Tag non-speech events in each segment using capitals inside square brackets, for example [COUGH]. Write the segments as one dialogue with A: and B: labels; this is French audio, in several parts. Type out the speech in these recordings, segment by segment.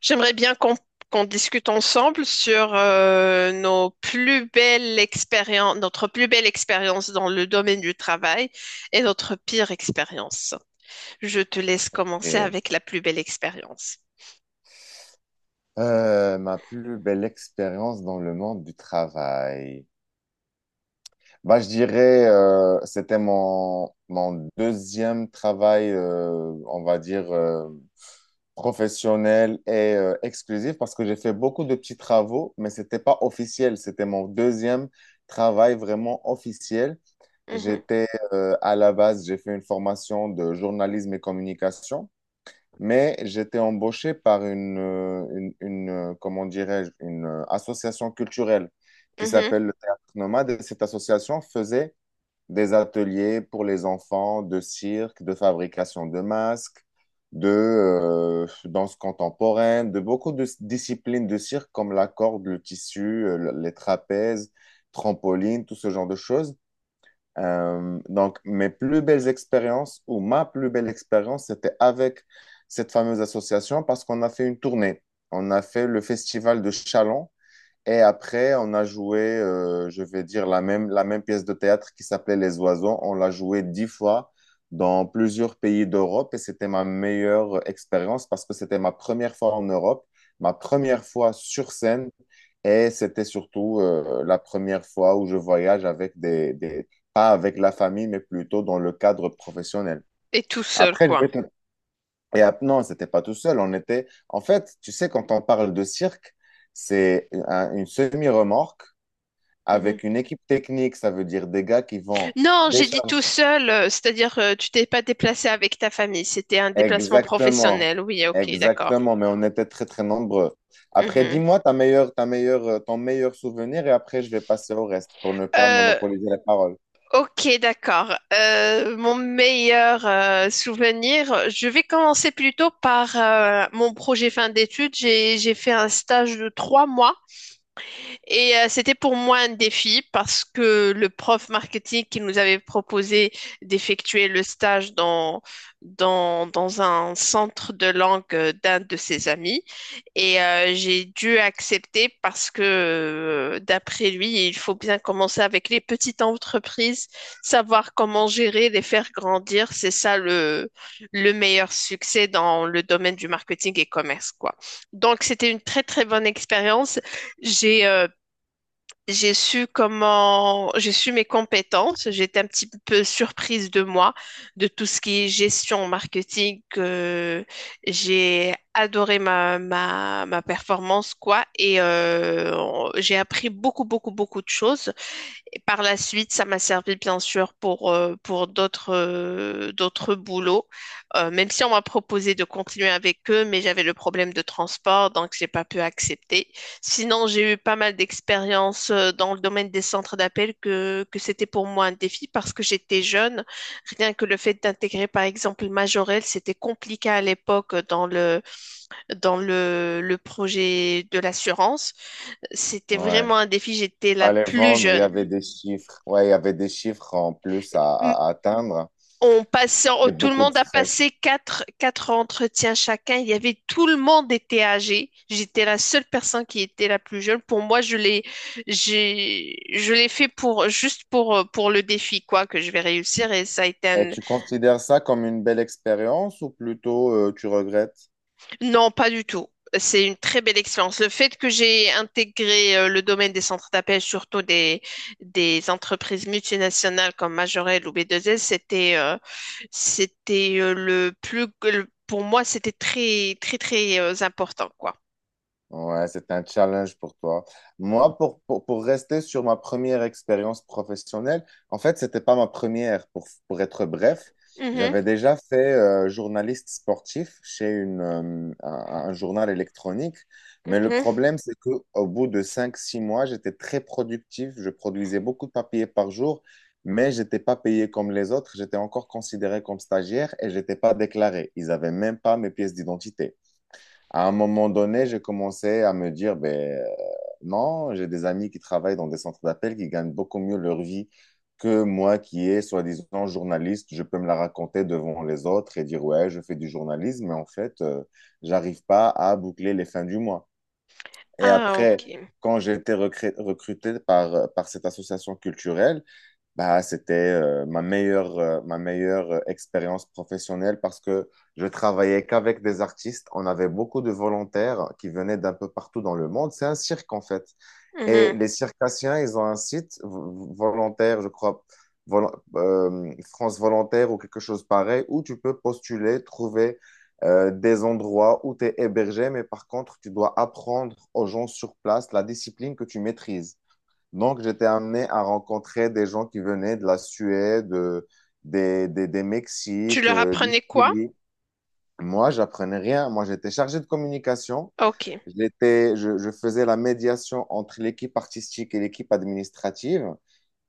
A: J'aimerais bien qu'on discute ensemble sur nos plus belles expériences, notre plus belle expérience dans le domaine du travail et notre pire expérience. Je te laisse commencer
B: Ok.
A: avec la plus belle expérience.
B: Ma plus belle expérience dans le monde du travail. Bah, je dirais, c'était mon deuxième travail, on va dire, professionnel et exclusif parce que j'ai fait beaucoup de petits travaux, mais c'était pas officiel. C'était mon deuxième travail vraiment officiel.
A: Mhm,
B: J'étais à la base, j'ai fait une formation de journalisme et communication. Mais j'étais embauché par comment dirais-je, une association culturelle qui
A: mhm.
B: s'appelle le Théâtre Nomade. Et cette association faisait des ateliers pour les enfants de cirque, de fabrication de masques, de danse contemporaine, de beaucoup de disciplines de cirque comme la corde, le tissu, les trapèzes, trampoline, tout ce genre de choses. Donc, mes plus belles expériences ou ma plus belle expérience, c'était avec cette fameuse association parce qu'on a fait une tournée. On a fait le festival de Chalon et après, on a joué, je vais dire, la même pièce de théâtre qui s'appelait Les Oiseaux. On l'a joué 10 fois dans plusieurs pays d'Europe et c'était ma meilleure expérience parce que c'était ma première fois en Europe, ma première fois sur scène et c'était surtout la première fois où je voyage avec pas avec la famille, mais plutôt dans le cadre professionnel.
A: Et tout seul,
B: Après, je
A: quoi.
B: vais te et non, c'était pas tout seul. On était, en fait, tu sais, quand on parle de cirque, c'est une semi-remorque
A: Mhm.
B: avec une équipe technique. Ça veut dire des gars qui vont
A: Non, j'ai dit
B: décharger.
A: tout seul, c'est-à-dire tu t'es pas déplacé avec ta famille, c'était un déplacement
B: Exactement,
A: professionnel. Oui, ok, d'accord.
B: exactement. Mais on était très très nombreux. Après,
A: Mhm.
B: dis-moi ta meilleure, ton meilleur souvenir et après je vais passer au reste pour ne pas
A: Euh,
B: monopoliser la parole.
A: Ok, d'accord. Mon meilleur souvenir, je vais commencer plutôt par mon projet fin d'études. J'ai fait un stage de trois mois et c'était pour moi un défi parce que le prof marketing qui nous avait proposé d'effectuer le stage dans un centre de langue d'un de ses amis. Et j'ai dû accepter parce que, d'après lui, il faut bien commencer avec les petites entreprises, savoir comment gérer, les faire grandir. Le meilleur succès dans le domaine du marketing et commerce, quoi. Donc, c'était une très, très bonne expérience. J'ai euh, j'ai su comment, j'ai su mes compétences. J'étais un petit peu surprise de moi, de tout ce qui est gestion marketing. J'ai adoré ma performance, quoi. Et j'ai appris beaucoup, beaucoup, beaucoup de choses. Et par la suite, ça m'a servi bien sûr pour d'autres d'autres boulots. Même si on m'a proposé de continuer avec eux, mais j'avais le problème de transport, donc j'ai pas pu accepter. Sinon, j'ai eu pas mal d'expériences dans le domaine des centres d'appel que c'était pour moi un défi parce que j'étais jeune. Rien que le fait d'intégrer par exemple Majorel, c'était compliqué à l'époque le projet de l'assurance. C'était
B: Ouais.
A: vraiment un défi, j'étais la
B: Fallait
A: plus
B: vendre. Il y
A: jeune.
B: avait des chiffres. Ouais, il y avait des chiffres en plus à atteindre et
A: Tout le
B: beaucoup de
A: monde a passé
B: stress.
A: quatre entretiens chacun. Il y avait tout le monde était âgé. J'étais la seule personne qui était la plus jeune. Pour moi, je l'ai fait pour juste pour le défi quoi que je vais réussir et ça a été
B: Et
A: un...
B: tu considères ça comme une belle expérience ou plutôt tu regrettes?
A: Non, pas du tout. C'est une très belle expérience. Le fait que j'ai intégré le domaine des centres d'appel, surtout des entreprises multinationales comme Majorel ou B2S, c'était pour moi, c'était très très très important quoi.
B: Ouais, c'est un challenge pour toi. Moi, pour, pour rester sur ma première expérience professionnelle, en fait, c'était pas ma première, pour être bref.
A: Mhm,
B: J'avais déjà fait journaliste sportif chez un journal électronique, mais le
A: mhm.
B: problème, c'est que au bout de cinq six mois, j'étais très productif, je produisais beaucoup de papiers par jour, mais j'étais pas payé comme les autres, j'étais encore considéré comme stagiaire et j'étais pas déclaré. Ils avaient même pas mes pièces d'identité. À un moment donné, j'ai commencé à me dire, ben, non, j'ai des amis qui travaillent dans des centres d'appel qui gagnent beaucoup mieux leur vie que moi qui est soi-disant journaliste. Je peux me la raconter devant les autres et dire, ouais, je fais du journalisme, mais en fait, j'arrive pas à boucler les fins du mois. Et
A: Ah,
B: après,
A: ok.
B: quand j'ai été recruté par, par cette association culturelle, bah, c'était ma meilleure expérience professionnelle parce que je travaillais qu'avec des artistes. On avait beaucoup de volontaires qui venaient d'un peu partout dans le monde. C'est un cirque, en fait. Et
A: Mhm.
B: les circassiens, ils ont un site volontaire, je crois, vol- France Volontaire ou quelque chose pareil, où tu peux postuler, trouver des endroits où tu es hébergé, mais par contre, tu dois apprendre aux gens sur place la discipline que tu maîtrises. Donc, j'étais amené à rencontrer des gens qui venaient de la Suède, des
A: Tu
B: Mexiques,
A: leur
B: du
A: apprenais quoi?
B: Chili. Moi, j'apprenais rien. Moi, j'étais chargé de communication.
A: Ok.
B: J'étais, je faisais la médiation entre l'équipe artistique et l'équipe administrative.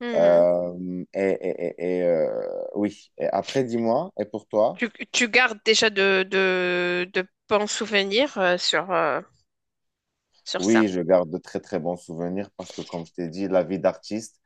A: Mhm.
B: Euh, et et- et- et, euh, oui, et après, dis-moi, et pour toi?
A: Tu gardes déjà de bons souvenirs sur, sur ça.
B: Oui, je garde de très très bons souvenirs parce que comme je t'ai dit, la vie d'artiste,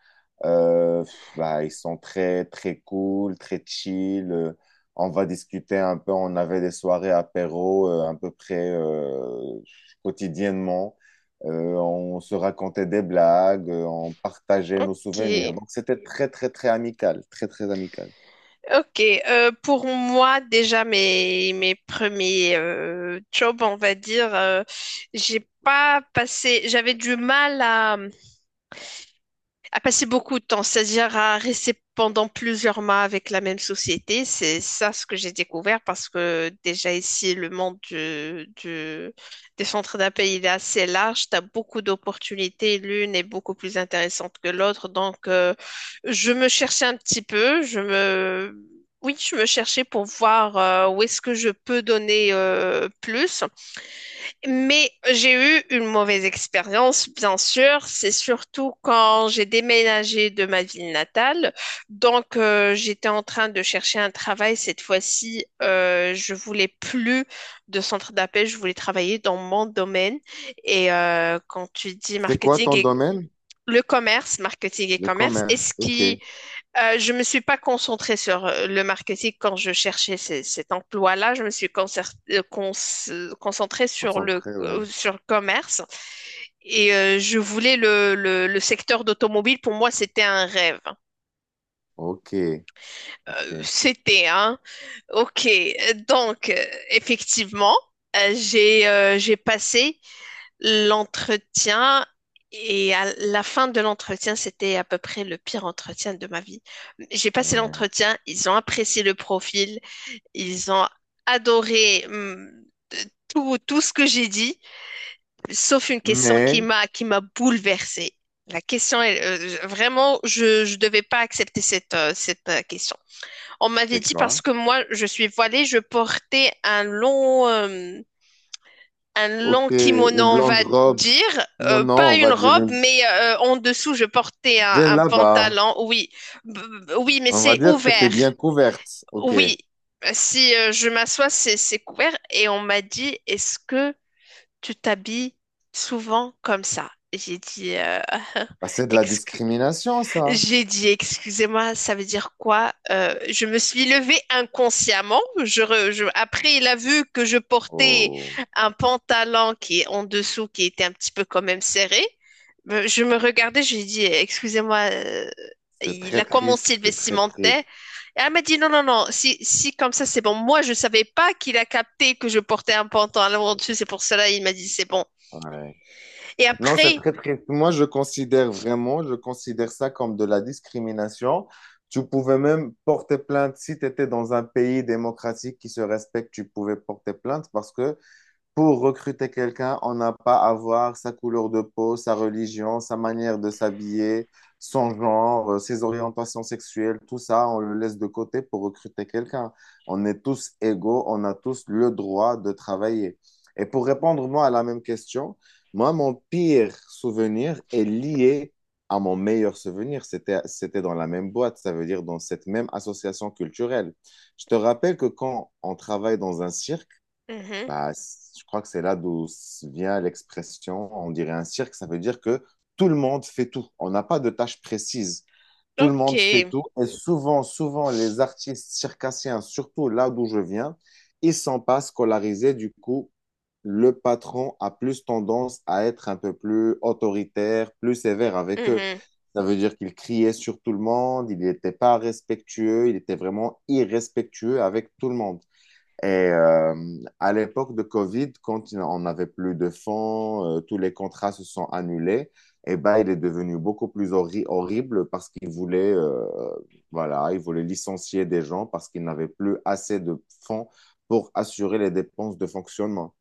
B: euh, bah, ils sont très très cool, très chill. On va discuter un peu. On avait des soirées apéro à peu près quotidiennement. On se racontait des blagues, on partageait nos souvenirs.
A: Ok.
B: Donc c'était très très très amical, très très amical.
A: Ok, pour moi déjà mes premiers jobs, on va dire, j'ai pas passé, j'avais du mal à passer beaucoup de temps, c'est-à-dire à rester pendant plusieurs mois avec la même société. C'est ça ce que j'ai découvert parce que déjà ici, le monde du- des centres d'appel, il est assez large. Tu as beaucoup d'opportunités. L'une est beaucoup plus intéressante que l'autre. Donc, je me cherchais un petit peu. Je me... Oui, je me cherchais pour voir où est-ce que je peux donner plus. Mais j'ai eu une mauvaise expérience, bien sûr. C'est surtout quand j'ai déménagé de ma ville natale. Donc, j'étais en train de chercher un travail. Cette fois-ci, je voulais plus de centre d'appel. Je voulais travailler dans mon domaine. Et quand tu dis
B: C'est quoi
A: marketing
B: ton
A: et
B: domaine?
A: le commerce, marketing et
B: Le
A: commerce,
B: commerce.
A: est-ce
B: Ok,
A: qui je me suis pas concentrée sur le marketing quand je cherchais cet emploi-là. Je me suis concer- cons- concentrée
B: concentré, ouais.
A: sur le commerce et je voulais le secteur d'automobile. Pour moi, c'était un rêve.
B: Ok, ok.
A: C'était, hein. Ok. Donc, effectivement, j'ai passé l'entretien et à la fin de l'entretien, c'était à peu près le pire entretien de ma vie. J'ai passé
B: Ouais.
A: l'entretien, ils ont apprécié le profil, ils ont adoré tout ce que j'ai dit, sauf une question
B: Mais
A: qui m'a bouleversée. La question est vraiment, je devais pas accepter cette question. On m'avait
B: c'est
A: dit parce
B: quoi?
A: que moi je suis voilée, je portais un
B: Ok,
A: long kimono,
B: une
A: on
B: longue
A: va
B: robe.
A: dire.
B: Non, non,
A: Pas
B: on
A: une
B: va dire
A: robe,
B: une
A: mais en dessous, je portais un
B: là-bas.
A: pantalon, oui. B- oui, mais
B: On va
A: c'est
B: dire que t'étais
A: ouvert,
B: bien couverte. Ok.
A: oui. Si je m'assois, c'est couvert. Et on m'a dit, est-ce que tu t'habilles souvent comme ça? J'ai dit,
B: Bah, c'est
A: [LAUGHS]
B: de la
A: excu-
B: discrimination, ça.
A: j'ai dit, excusez-moi, ça veut dire quoi? Je me suis levée inconsciemment. Après, il a vu que je portais
B: Oh,
A: un pantalon qui est en dessous, qui était un petit peu quand même serré. Je me regardais, je lui ai dit, excusez-moi,
B: c'est
A: il
B: très
A: a
B: triste,
A: commencé le
B: c'est très
A: vestimentaire.
B: triste.
A: Et elle m'a dit, non, non, non, si, si comme ça, c'est bon. Moi, je savais pas qu'il a capté que je portais un pantalon en dessus, c'est pour cela, il m'a dit, c'est bon.
B: Ouais.
A: Et
B: Non, c'est
A: après...
B: très triste. Moi, je considère vraiment, je considère ça comme de la discrimination. Tu pouvais même porter plainte si tu étais dans un pays démocratique qui se respecte, tu pouvais porter plainte parce que pour recruter quelqu'un, on n'a pas à voir sa couleur de peau, sa religion, sa manière de s'habiller, son genre, ses orientations sexuelles, tout ça, on le laisse de côté pour recruter quelqu'un. On est tous égaux, on a tous le droit de travailler. Et pour répondre, moi, à la même question, moi, mon pire souvenir est lié à mon meilleur souvenir. C'était dans la même boîte, ça veut dire dans cette même association culturelle. Je te rappelle que quand on travaille dans un cirque,
A: Mhm.
B: bah, je crois que c'est là d'où vient l'expression, on dirait un cirque, ça veut dire que tout le monde fait tout. On n'a pas de tâche précise. Tout le
A: Ok.
B: monde fait tout. Et souvent, souvent, les artistes circassiens, surtout là d'où je viens, ils sont pas scolarisés. Du coup, le patron a plus tendance à être un peu plus autoritaire, plus sévère avec eux.
A: Mhm.
B: Ça veut dire qu'il criait sur tout le monde, il n'était pas respectueux, il était vraiment irrespectueux avec tout le monde. Et à l'époque de Covid, quand on n'avait plus de fonds, tous les contrats se sont annulés. Et ben, il est devenu beaucoup plus horrible parce qu'il voulait, voilà, il voulait licencier des gens parce qu'il n'avait plus assez de fonds pour assurer les dépenses de fonctionnement.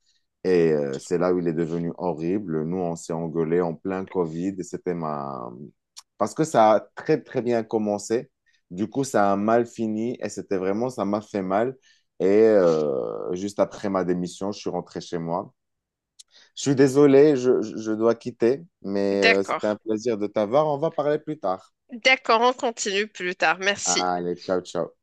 B: Et c'est là où il est devenu horrible. Nous, on s'est engueulés en plein Covid. Et c'était ma... Parce que ça a très, très bien commencé. Du coup, ça a mal fini et c'était vraiment, ça m'a fait mal. Et juste après ma démission, je suis rentré chez moi. Je suis désolé, je dois quitter, mais c'était un
A: D'accord.
B: plaisir de t'avoir. On va parler plus tard.
A: D'accord, on continue plus tard. Merci.
B: Allez, ciao, ciao.